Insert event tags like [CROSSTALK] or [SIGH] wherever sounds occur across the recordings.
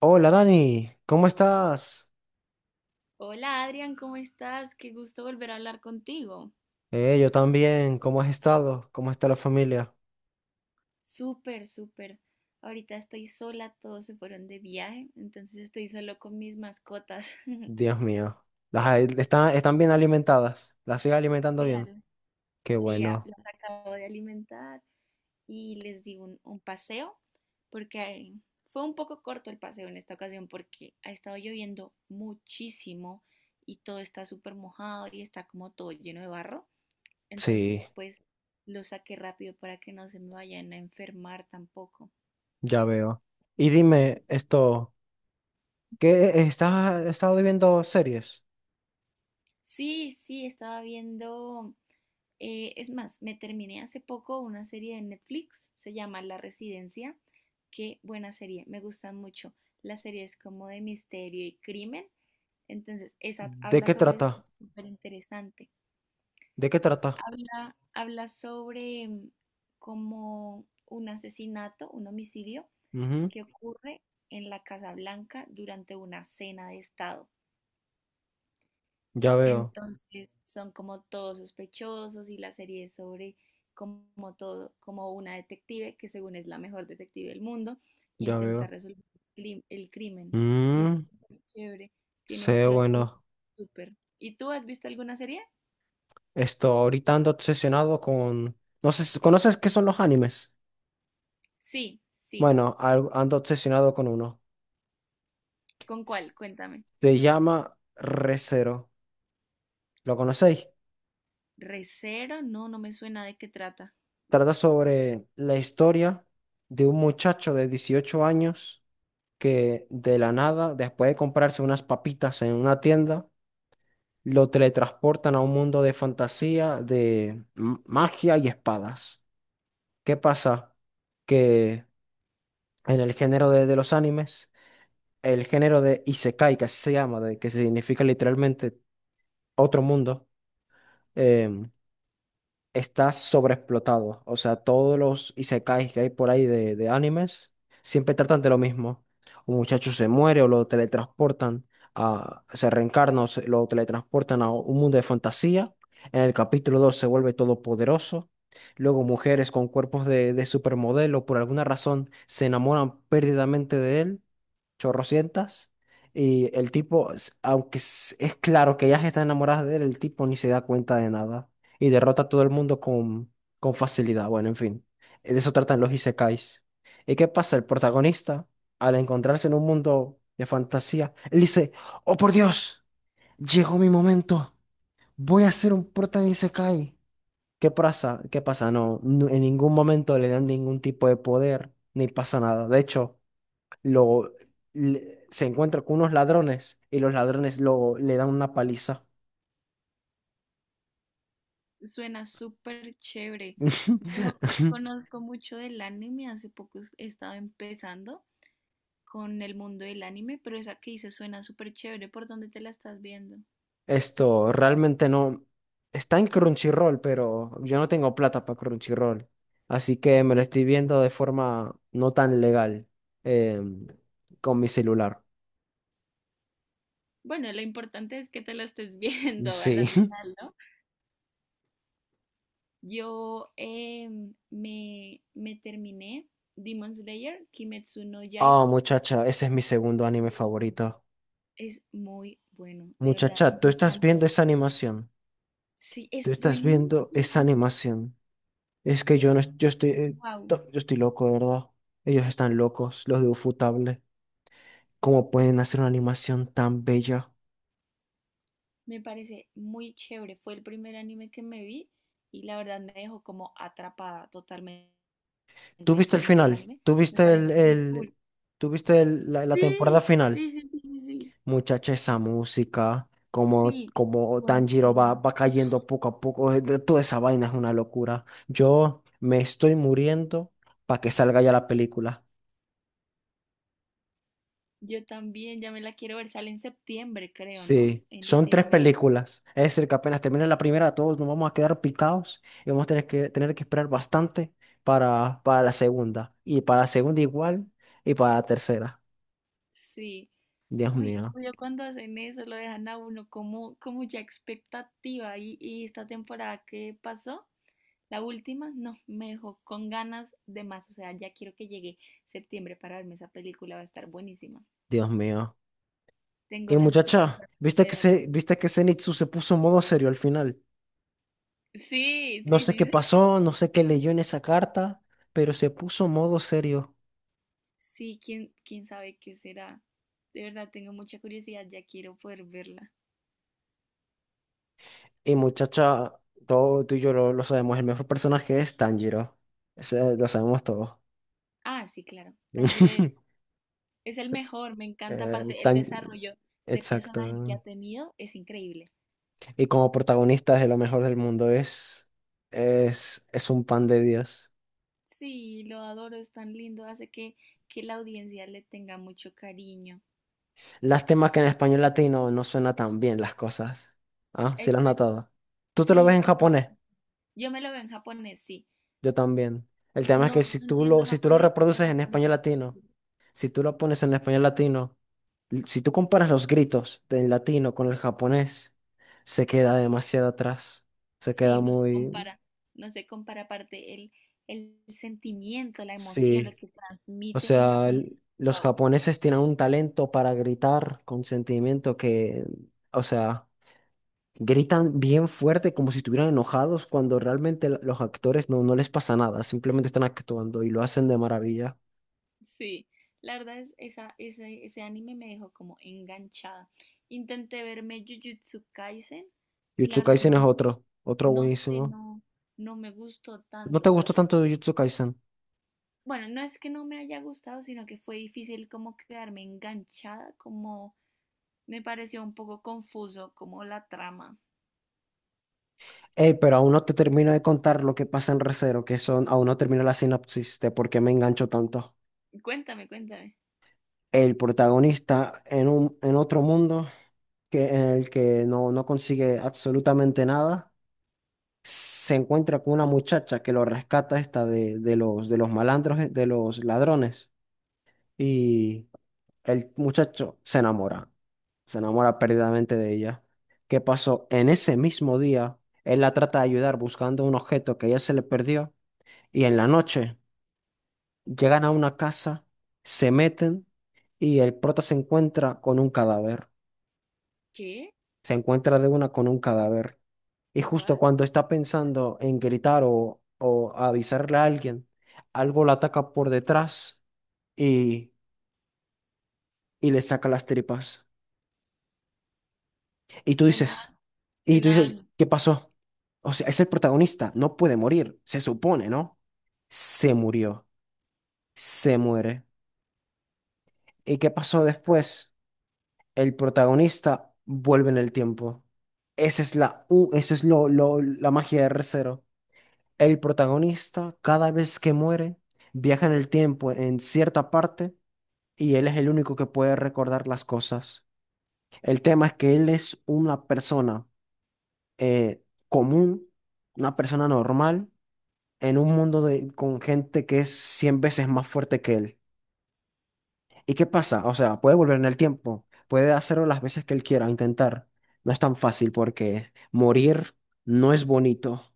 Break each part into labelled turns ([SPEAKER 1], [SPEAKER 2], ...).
[SPEAKER 1] Hola Dani, ¿cómo estás?
[SPEAKER 2] Hola Adrián, ¿cómo estás? Qué gusto volver a hablar contigo.
[SPEAKER 1] Yo también, ¿cómo has estado? ¿Cómo está la familia?
[SPEAKER 2] Súper, súper. Ahorita estoy sola, todos se fueron de viaje, entonces estoy solo con mis mascotas. [LAUGHS]
[SPEAKER 1] Dios mío. Están bien alimentadas, las sigue alimentando bien.
[SPEAKER 2] Claro.
[SPEAKER 1] Qué
[SPEAKER 2] Sí, a-
[SPEAKER 1] bueno.
[SPEAKER 2] las acabo de alimentar y les di un paseo, porque fue un poco corto el paseo en esta ocasión porque ha estado lloviendo muchísimo y todo está súper mojado y está como todo lleno de barro.
[SPEAKER 1] Sí,
[SPEAKER 2] Entonces, pues lo saqué rápido para que no se me vayan a enfermar tampoco.
[SPEAKER 1] ya veo. Y dime esto, ¿qué estado viendo series?
[SPEAKER 2] Sí, sí, estaba viendo, es más, me terminé hace poco una serie de Netflix, se llama La Residencia. Qué buena serie, me gusta mucho. La serie es como de misterio y crimen, entonces esa
[SPEAKER 1] ¿De
[SPEAKER 2] habla
[SPEAKER 1] qué
[SPEAKER 2] sobre eso,
[SPEAKER 1] trata?
[SPEAKER 2] es súper interesante.
[SPEAKER 1] ¿De qué trata?
[SPEAKER 2] Habla sobre como un asesinato, un homicidio,
[SPEAKER 1] Ujú.
[SPEAKER 2] que ocurre en la Casa Blanca durante una cena de Estado.
[SPEAKER 1] Ya veo,
[SPEAKER 2] Entonces son como todos sospechosos y la serie es sobre como todo, como una detective que según es la mejor detective del mundo,
[SPEAKER 1] ya
[SPEAKER 2] intenta
[SPEAKER 1] veo.
[SPEAKER 2] resolver el crimen. Y es
[SPEAKER 1] Mm,
[SPEAKER 2] súper chévere, tiene un
[SPEAKER 1] sé,
[SPEAKER 2] plot twist
[SPEAKER 1] bueno,
[SPEAKER 2] súper. ¿Y tú has visto alguna serie?
[SPEAKER 1] esto, ahorita ando obsesionado con. No sé, ¿conoces qué son los animes?
[SPEAKER 2] Sí, sí.
[SPEAKER 1] Bueno, ando obsesionado con uno.
[SPEAKER 2] ¿Con cuál?
[SPEAKER 1] S-
[SPEAKER 2] Cuéntame.
[SPEAKER 1] Se llama Re:Zero. ¿Lo conocéis?
[SPEAKER 2] Recero, no, no me suena de qué trata.
[SPEAKER 1] Trata sobre la historia de un muchacho de 18 años que de la nada, después de comprarse unas papitas en una tienda, lo teletransportan a un mundo de fantasía, de magia y espadas. ¿Qué pasa? Que en el género de los animes, el género de Isekai, que así se llama, que significa literalmente otro mundo. em, Está sobreexplotado. O sea, todos los isekais que hay por ahí de animes siempre tratan de lo mismo. Un muchacho se muere o lo teletransportan se reencarna o lo teletransportan a un mundo de fantasía. En el capítulo 2 se vuelve todopoderoso. Luego mujeres con cuerpos de supermodelo por alguna razón se enamoran perdidamente de él, chorrocientas. Y el tipo, aunque es claro que ellas están enamoradas de él, el tipo ni se da cuenta de nada y derrota a todo el mundo con facilidad. Bueno, en fin, de eso tratan los isekais. ¿Y qué pasa? El protagonista, al encontrarse en un mundo de fantasía, él dice, oh por Dios, llegó mi momento, voy a ser un prota isekai. ¿Qué pasa? ¿Qué pasa? No, no, en ningún momento le dan ningún tipo de poder, ni pasa nada. De hecho, lo, se encuentra con unos ladrones y los ladrones luego le dan una paliza.
[SPEAKER 2] Suena súper chévere. Yo no
[SPEAKER 1] [LAUGHS]
[SPEAKER 2] conozco mucho del anime, hace poco he estado empezando con el mundo del anime, pero esa que dices suena súper chévere. ¿Por dónde te la estás viendo?
[SPEAKER 1] Esto realmente no está en Crunchyroll, pero yo no tengo plata para Crunchyroll, así que me lo estoy viendo de forma no tan legal em, con mi celular.
[SPEAKER 2] Bueno, lo importante es que te la estés [LAUGHS] viendo a
[SPEAKER 1] Sí.
[SPEAKER 2] la
[SPEAKER 1] [LAUGHS]
[SPEAKER 2] final, ¿no? Yo me terminé Demon Slayer, Kimetsu no Yaiba.
[SPEAKER 1] Oh, muchacha, ese es mi segundo anime favorito.
[SPEAKER 2] Es muy bueno, de verdad, me
[SPEAKER 1] Muchacha, tú estás
[SPEAKER 2] encantó.
[SPEAKER 1] viendo esa animación.
[SPEAKER 2] Sí,
[SPEAKER 1] Tú
[SPEAKER 2] es
[SPEAKER 1] estás viendo esa
[SPEAKER 2] buenísimo.
[SPEAKER 1] animación. Es que
[SPEAKER 2] Es,
[SPEAKER 1] yo no, es- yo estoy loco, de verdad. Ellos están locos, los de Ufotable. ¿Cómo pueden hacer una animación tan bella?
[SPEAKER 2] me parece muy chévere. Fue el primer anime que me vi y la verdad me dejó como atrapada totalmente
[SPEAKER 1] ¿Tú
[SPEAKER 2] en
[SPEAKER 1] viste
[SPEAKER 2] todo
[SPEAKER 1] el
[SPEAKER 2] el mundo del
[SPEAKER 1] final?
[SPEAKER 2] anime.
[SPEAKER 1] ¿Tú
[SPEAKER 2] Me
[SPEAKER 1] viste el,
[SPEAKER 2] parece muy cool.
[SPEAKER 1] el- tú viste el- la, la temporada
[SPEAKER 2] Sí,
[SPEAKER 1] final?
[SPEAKER 2] sí, sí, sí, sí. Sí,
[SPEAKER 1] Muchacha, esa música, como,
[SPEAKER 2] sí,
[SPEAKER 1] como Tanjiro va,
[SPEAKER 2] buenísima.
[SPEAKER 1] va cayendo poco a poco, toda esa vaina es una locura. Yo me estoy muriendo para que salga ya la película.
[SPEAKER 2] Yo también, ya me la quiero ver. Sale en septiembre, creo, ¿no?
[SPEAKER 1] Sí,
[SPEAKER 2] En
[SPEAKER 1] son tres
[SPEAKER 2] Latinoamérica.
[SPEAKER 1] películas. Es decir, que apenas termine la primera, todos nos vamos a quedar picados y vamos a tener que esperar bastante para la segunda. Y para la segunda igual, y para la tercera.
[SPEAKER 2] Sí.
[SPEAKER 1] Dios
[SPEAKER 2] Ay,
[SPEAKER 1] mío,
[SPEAKER 2] odio cuando hacen eso, lo dejan a uno como, como ya expectativa. Y esta temporada que pasó, la última, no, me dejó con ganas de más, o sea, ya quiero que llegue septiembre para verme esa película, va a estar buenísima.
[SPEAKER 1] Dios mío. Y
[SPEAKER 2] Tengo las
[SPEAKER 1] muchacha,
[SPEAKER 2] expectativas
[SPEAKER 1] ¿viste que
[SPEAKER 2] súper.
[SPEAKER 1] Zenitsu se puso en modo serio al final?
[SPEAKER 2] Sí,
[SPEAKER 1] No
[SPEAKER 2] sí,
[SPEAKER 1] sé qué
[SPEAKER 2] sí, sí.
[SPEAKER 1] pasó, no sé qué leyó en esa carta, pero se puso en modo serio.
[SPEAKER 2] Sí, quién sabe qué será. De verdad, tengo mucha curiosidad, ya quiero poder verla.
[SPEAKER 1] Y muchacha, todo tú y yo lo sabemos, el mejor personaje es Tanjiro. Ese lo sabemos todos.
[SPEAKER 2] Ah, sí, claro. Tanjiro
[SPEAKER 1] [LAUGHS]
[SPEAKER 2] es el mejor, me encanta.
[SPEAKER 1] Eh,
[SPEAKER 2] Aparte, el
[SPEAKER 1] Tan-
[SPEAKER 2] desarrollo de personaje que ha
[SPEAKER 1] Exacto.
[SPEAKER 2] tenido es increíble.
[SPEAKER 1] Y como protagonista de lo mejor del mundo es un pan de Dios.
[SPEAKER 2] Sí, lo adoro, es tan lindo, hace que la audiencia le tenga mucho cariño.
[SPEAKER 1] Lástima que en español latino no suena tan bien las cosas. Ah, sí las has
[SPEAKER 2] Exacto.
[SPEAKER 1] notado. ¿Tú te lo
[SPEAKER 2] Sí,
[SPEAKER 1] ves en
[SPEAKER 2] no.
[SPEAKER 1] japonés?
[SPEAKER 2] Yo me lo veo en japonés, sí.
[SPEAKER 1] Yo también. El tema es que
[SPEAKER 2] No,
[SPEAKER 1] si
[SPEAKER 2] no
[SPEAKER 1] tú lo,
[SPEAKER 2] entiendo
[SPEAKER 1] si tú lo
[SPEAKER 2] japonés,
[SPEAKER 1] reproduces
[SPEAKER 2] pero
[SPEAKER 1] en
[SPEAKER 2] con
[SPEAKER 1] español latino,
[SPEAKER 2] subtítulos.
[SPEAKER 1] si tú lo pones en español latino, si tú comparas los gritos del latino con el japonés, se queda demasiado atrás. Se queda
[SPEAKER 2] Sí, no se
[SPEAKER 1] muy.
[SPEAKER 2] compara, no se compara aparte el sentimiento, la emoción, lo
[SPEAKER 1] Sí.
[SPEAKER 2] que
[SPEAKER 1] O
[SPEAKER 2] transmite en
[SPEAKER 1] sea,
[SPEAKER 2] japonés.
[SPEAKER 1] los
[SPEAKER 2] Wow,
[SPEAKER 1] japoneses tienen un talento para gritar con sentimiento que, o sea, gritan bien fuerte como si estuvieran enojados cuando realmente los actores no, no les pasa nada, simplemente están actuando y lo hacen de maravilla.
[SPEAKER 2] sí. La verdad es esa, ese anime me dejó como enganchada. Intenté verme Jujutsu Kaisen y la
[SPEAKER 1] Jujutsu
[SPEAKER 2] verdad
[SPEAKER 1] Kaisen
[SPEAKER 2] no,
[SPEAKER 1] es otro, otro
[SPEAKER 2] no sé,
[SPEAKER 1] buenísimo.
[SPEAKER 2] no, no me gustó
[SPEAKER 1] ¿No te
[SPEAKER 2] tanto, ¿sabes?
[SPEAKER 1] gustó tanto Jujutsu Kaisen?
[SPEAKER 2] Bueno, no es que no me haya gustado, sino que fue difícil como quedarme enganchada, como me pareció un poco confuso como la trama.
[SPEAKER 1] Ey, pero aún no te termino de contar lo que pasa en Re:Zero, aún no termino la sinopsis de por qué me engancho tanto.
[SPEAKER 2] Cuéntame, cuéntame.
[SPEAKER 1] El protagonista en otro mundo en el que no, no consigue absolutamente nada, se encuentra con una muchacha que lo rescata esta de los malandros, de los ladrones. Y el muchacho se enamora perdidamente de ella. ¿Qué pasó? En ese mismo día, él la trata de ayudar buscando un objeto que a ella se le perdió y en la noche llegan a una casa, se meten y el prota se encuentra con un cadáver.
[SPEAKER 2] ¿Qué?
[SPEAKER 1] Se encuentra de una con un cadáver. Y justo
[SPEAKER 2] ¿What?
[SPEAKER 1] cuando está pensando en gritar o avisarle a alguien, algo la ataca por detrás y, y le saca las tripas. Y tú
[SPEAKER 2] Suena,
[SPEAKER 1] dices, y tú dices,
[SPEAKER 2] suena,
[SPEAKER 1] ¿qué pasó? O sea, es el protagonista, no puede morir, se supone, ¿no? Se murió, se muere. ¿Y qué pasó después? El protagonista vuelve en el tiempo. Esa es la, u- esa es lo- la magia de r cero. El protagonista, cada vez que muere, viaja en el tiempo en cierta parte y él es el único que puede recordar las cosas. El tema es que él es una persona eh, común, una persona normal, en un mundo con gente que es 100 veces más fuerte que él. ¿Y qué pasa? O sea, puede volver en el tiempo, puede hacerlo las veces que él quiera, intentar. No es tan fácil porque morir no es bonito.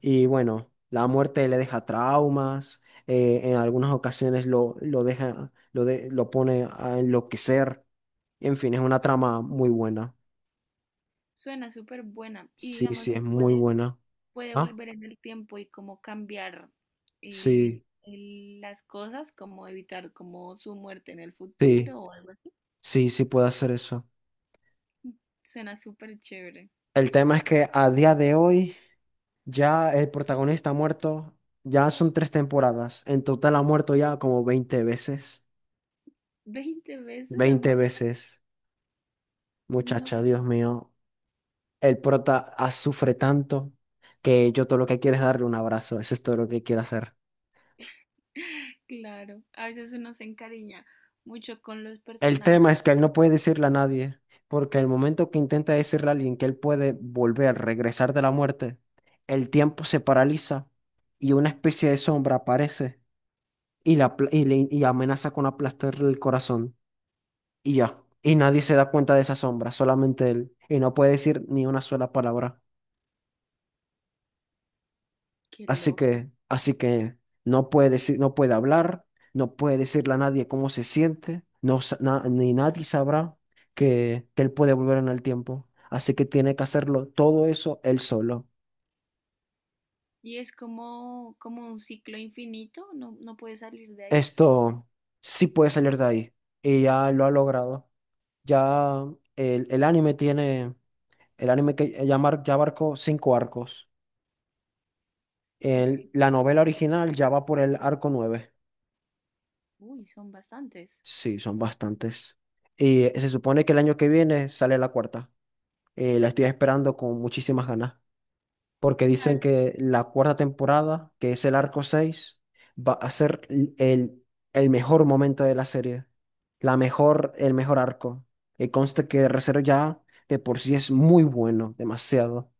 [SPEAKER 1] Y bueno, la muerte le deja traumas, en algunas ocasiones lo deja, lo pone a enloquecer. En fin, es una trama muy buena.
[SPEAKER 2] suena súper buena. Y
[SPEAKER 1] Sí,
[SPEAKER 2] digamos,
[SPEAKER 1] sí,
[SPEAKER 2] se
[SPEAKER 1] es muy
[SPEAKER 2] puede,
[SPEAKER 1] buena.
[SPEAKER 2] puede
[SPEAKER 1] ¿Ah?
[SPEAKER 2] volver en el tiempo y como cambiar
[SPEAKER 1] Sí,
[SPEAKER 2] las cosas, como evitar como su muerte en el
[SPEAKER 1] sí.
[SPEAKER 2] futuro o algo así.
[SPEAKER 1] Sí, sí puede hacer eso.
[SPEAKER 2] Suena súper chévere.
[SPEAKER 1] El tema es que a día de hoy ya el protagonista ha muerto, ya son tres temporadas. En total ha muerto ya como 20 veces.
[SPEAKER 2] ¿20 veces ha
[SPEAKER 1] veinte
[SPEAKER 2] muerto?
[SPEAKER 1] veces.
[SPEAKER 2] No,
[SPEAKER 1] Muchacha, Dios mío. El prota sufre tanto que yo todo lo que quiero es darle un abrazo. Eso es todo lo que quiero hacer.
[SPEAKER 2] [LAUGHS] claro. A veces uno se encariña mucho con los
[SPEAKER 1] El
[SPEAKER 2] personajes.
[SPEAKER 1] tema es que él no puede decirle a nadie, porque el momento que intenta decirle a alguien que él puede volver, regresar de la muerte, el tiempo se paraliza y una especie de sombra aparece y amenaza con aplastarle el corazón y ya. Y nadie se da cuenta de esa sombra, solamente él. Y no puede decir ni una sola palabra.
[SPEAKER 2] Qué
[SPEAKER 1] Así
[SPEAKER 2] loco.
[SPEAKER 1] que, así que no puede decir, no puede hablar, no puede decirle a nadie cómo se siente, ni nadie sabrá que él puede volver en el tiempo. Así que tiene que hacerlo todo eso él solo.
[SPEAKER 2] Y es como, como un ciclo infinito, no puedes salir de ahí.
[SPEAKER 1] Esto sí puede salir de ahí. Y ya lo ha logrado. Ya el anime tiene. El anime que ya abarcó cinco arcos.
[SPEAKER 2] Ok.
[SPEAKER 1] La novela original ya va por el arco nueve.
[SPEAKER 2] Uy, son bastantes.
[SPEAKER 1] Sí, son bastantes. Y se supone que el año que viene sale la cuarta. La estoy esperando con muchísimas ganas. Porque dicen
[SPEAKER 2] Claro.
[SPEAKER 1] que la cuarta temporada, que es el arco 6, va a ser el mejor momento de la serie. La mejor, el mejor arco. Y conste que Re:Zero ya de por sí es muy bueno, demasiado.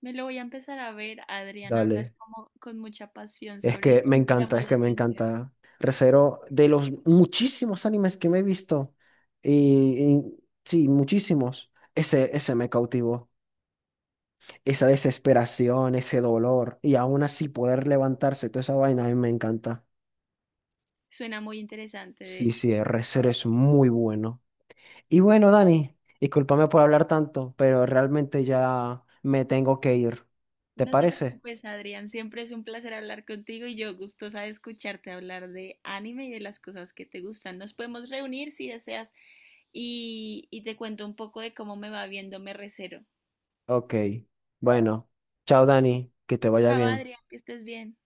[SPEAKER 2] Me lo voy a empezar a ver. Adrián, hablas
[SPEAKER 1] Dale.
[SPEAKER 2] [LAUGHS] como con mucha pasión
[SPEAKER 1] Es
[SPEAKER 2] sobre
[SPEAKER 1] que
[SPEAKER 2] ello.
[SPEAKER 1] me
[SPEAKER 2] Me
[SPEAKER 1] encanta,
[SPEAKER 2] llama
[SPEAKER 1] es
[SPEAKER 2] la
[SPEAKER 1] que
[SPEAKER 2] [LAUGHS]
[SPEAKER 1] me
[SPEAKER 2] atención.
[SPEAKER 1] encanta. Re:Zero, de los muchísimos animes que me he visto, y sí, muchísimos, ese me cautivó. Esa desesperación, ese dolor, y aún así poder levantarse, toda esa vaina, a mí me encanta.
[SPEAKER 2] Suena muy interesante, de
[SPEAKER 1] Sí,
[SPEAKER 2] hecho.
[SPEAKER 1] sí, Re:Zero es muy bueno. Y bueno, Dani, discúlpame por hablar tanto, pero realmente ya me tengo que ir. ¿Te
[SPEAKER 2] No te
[SPEAKER 1] parece?
[SPEAKER 2] preocupes, Adrián. Siempre es un placer hablar contigo y yo gustosa de escucharte hablar de anime y de las cosas que te gustan. Nos podemos reunir si deseas y te cuento un poco de cómo me va viendo Me Recero.
[SPEAKER 1] Ok. Bueno, chao, Dani, que te vaya
[SPEAKER 2] Chao,
[SPEAKER 1] bien.
[SPEAKER 2] Adrián, que estés bien.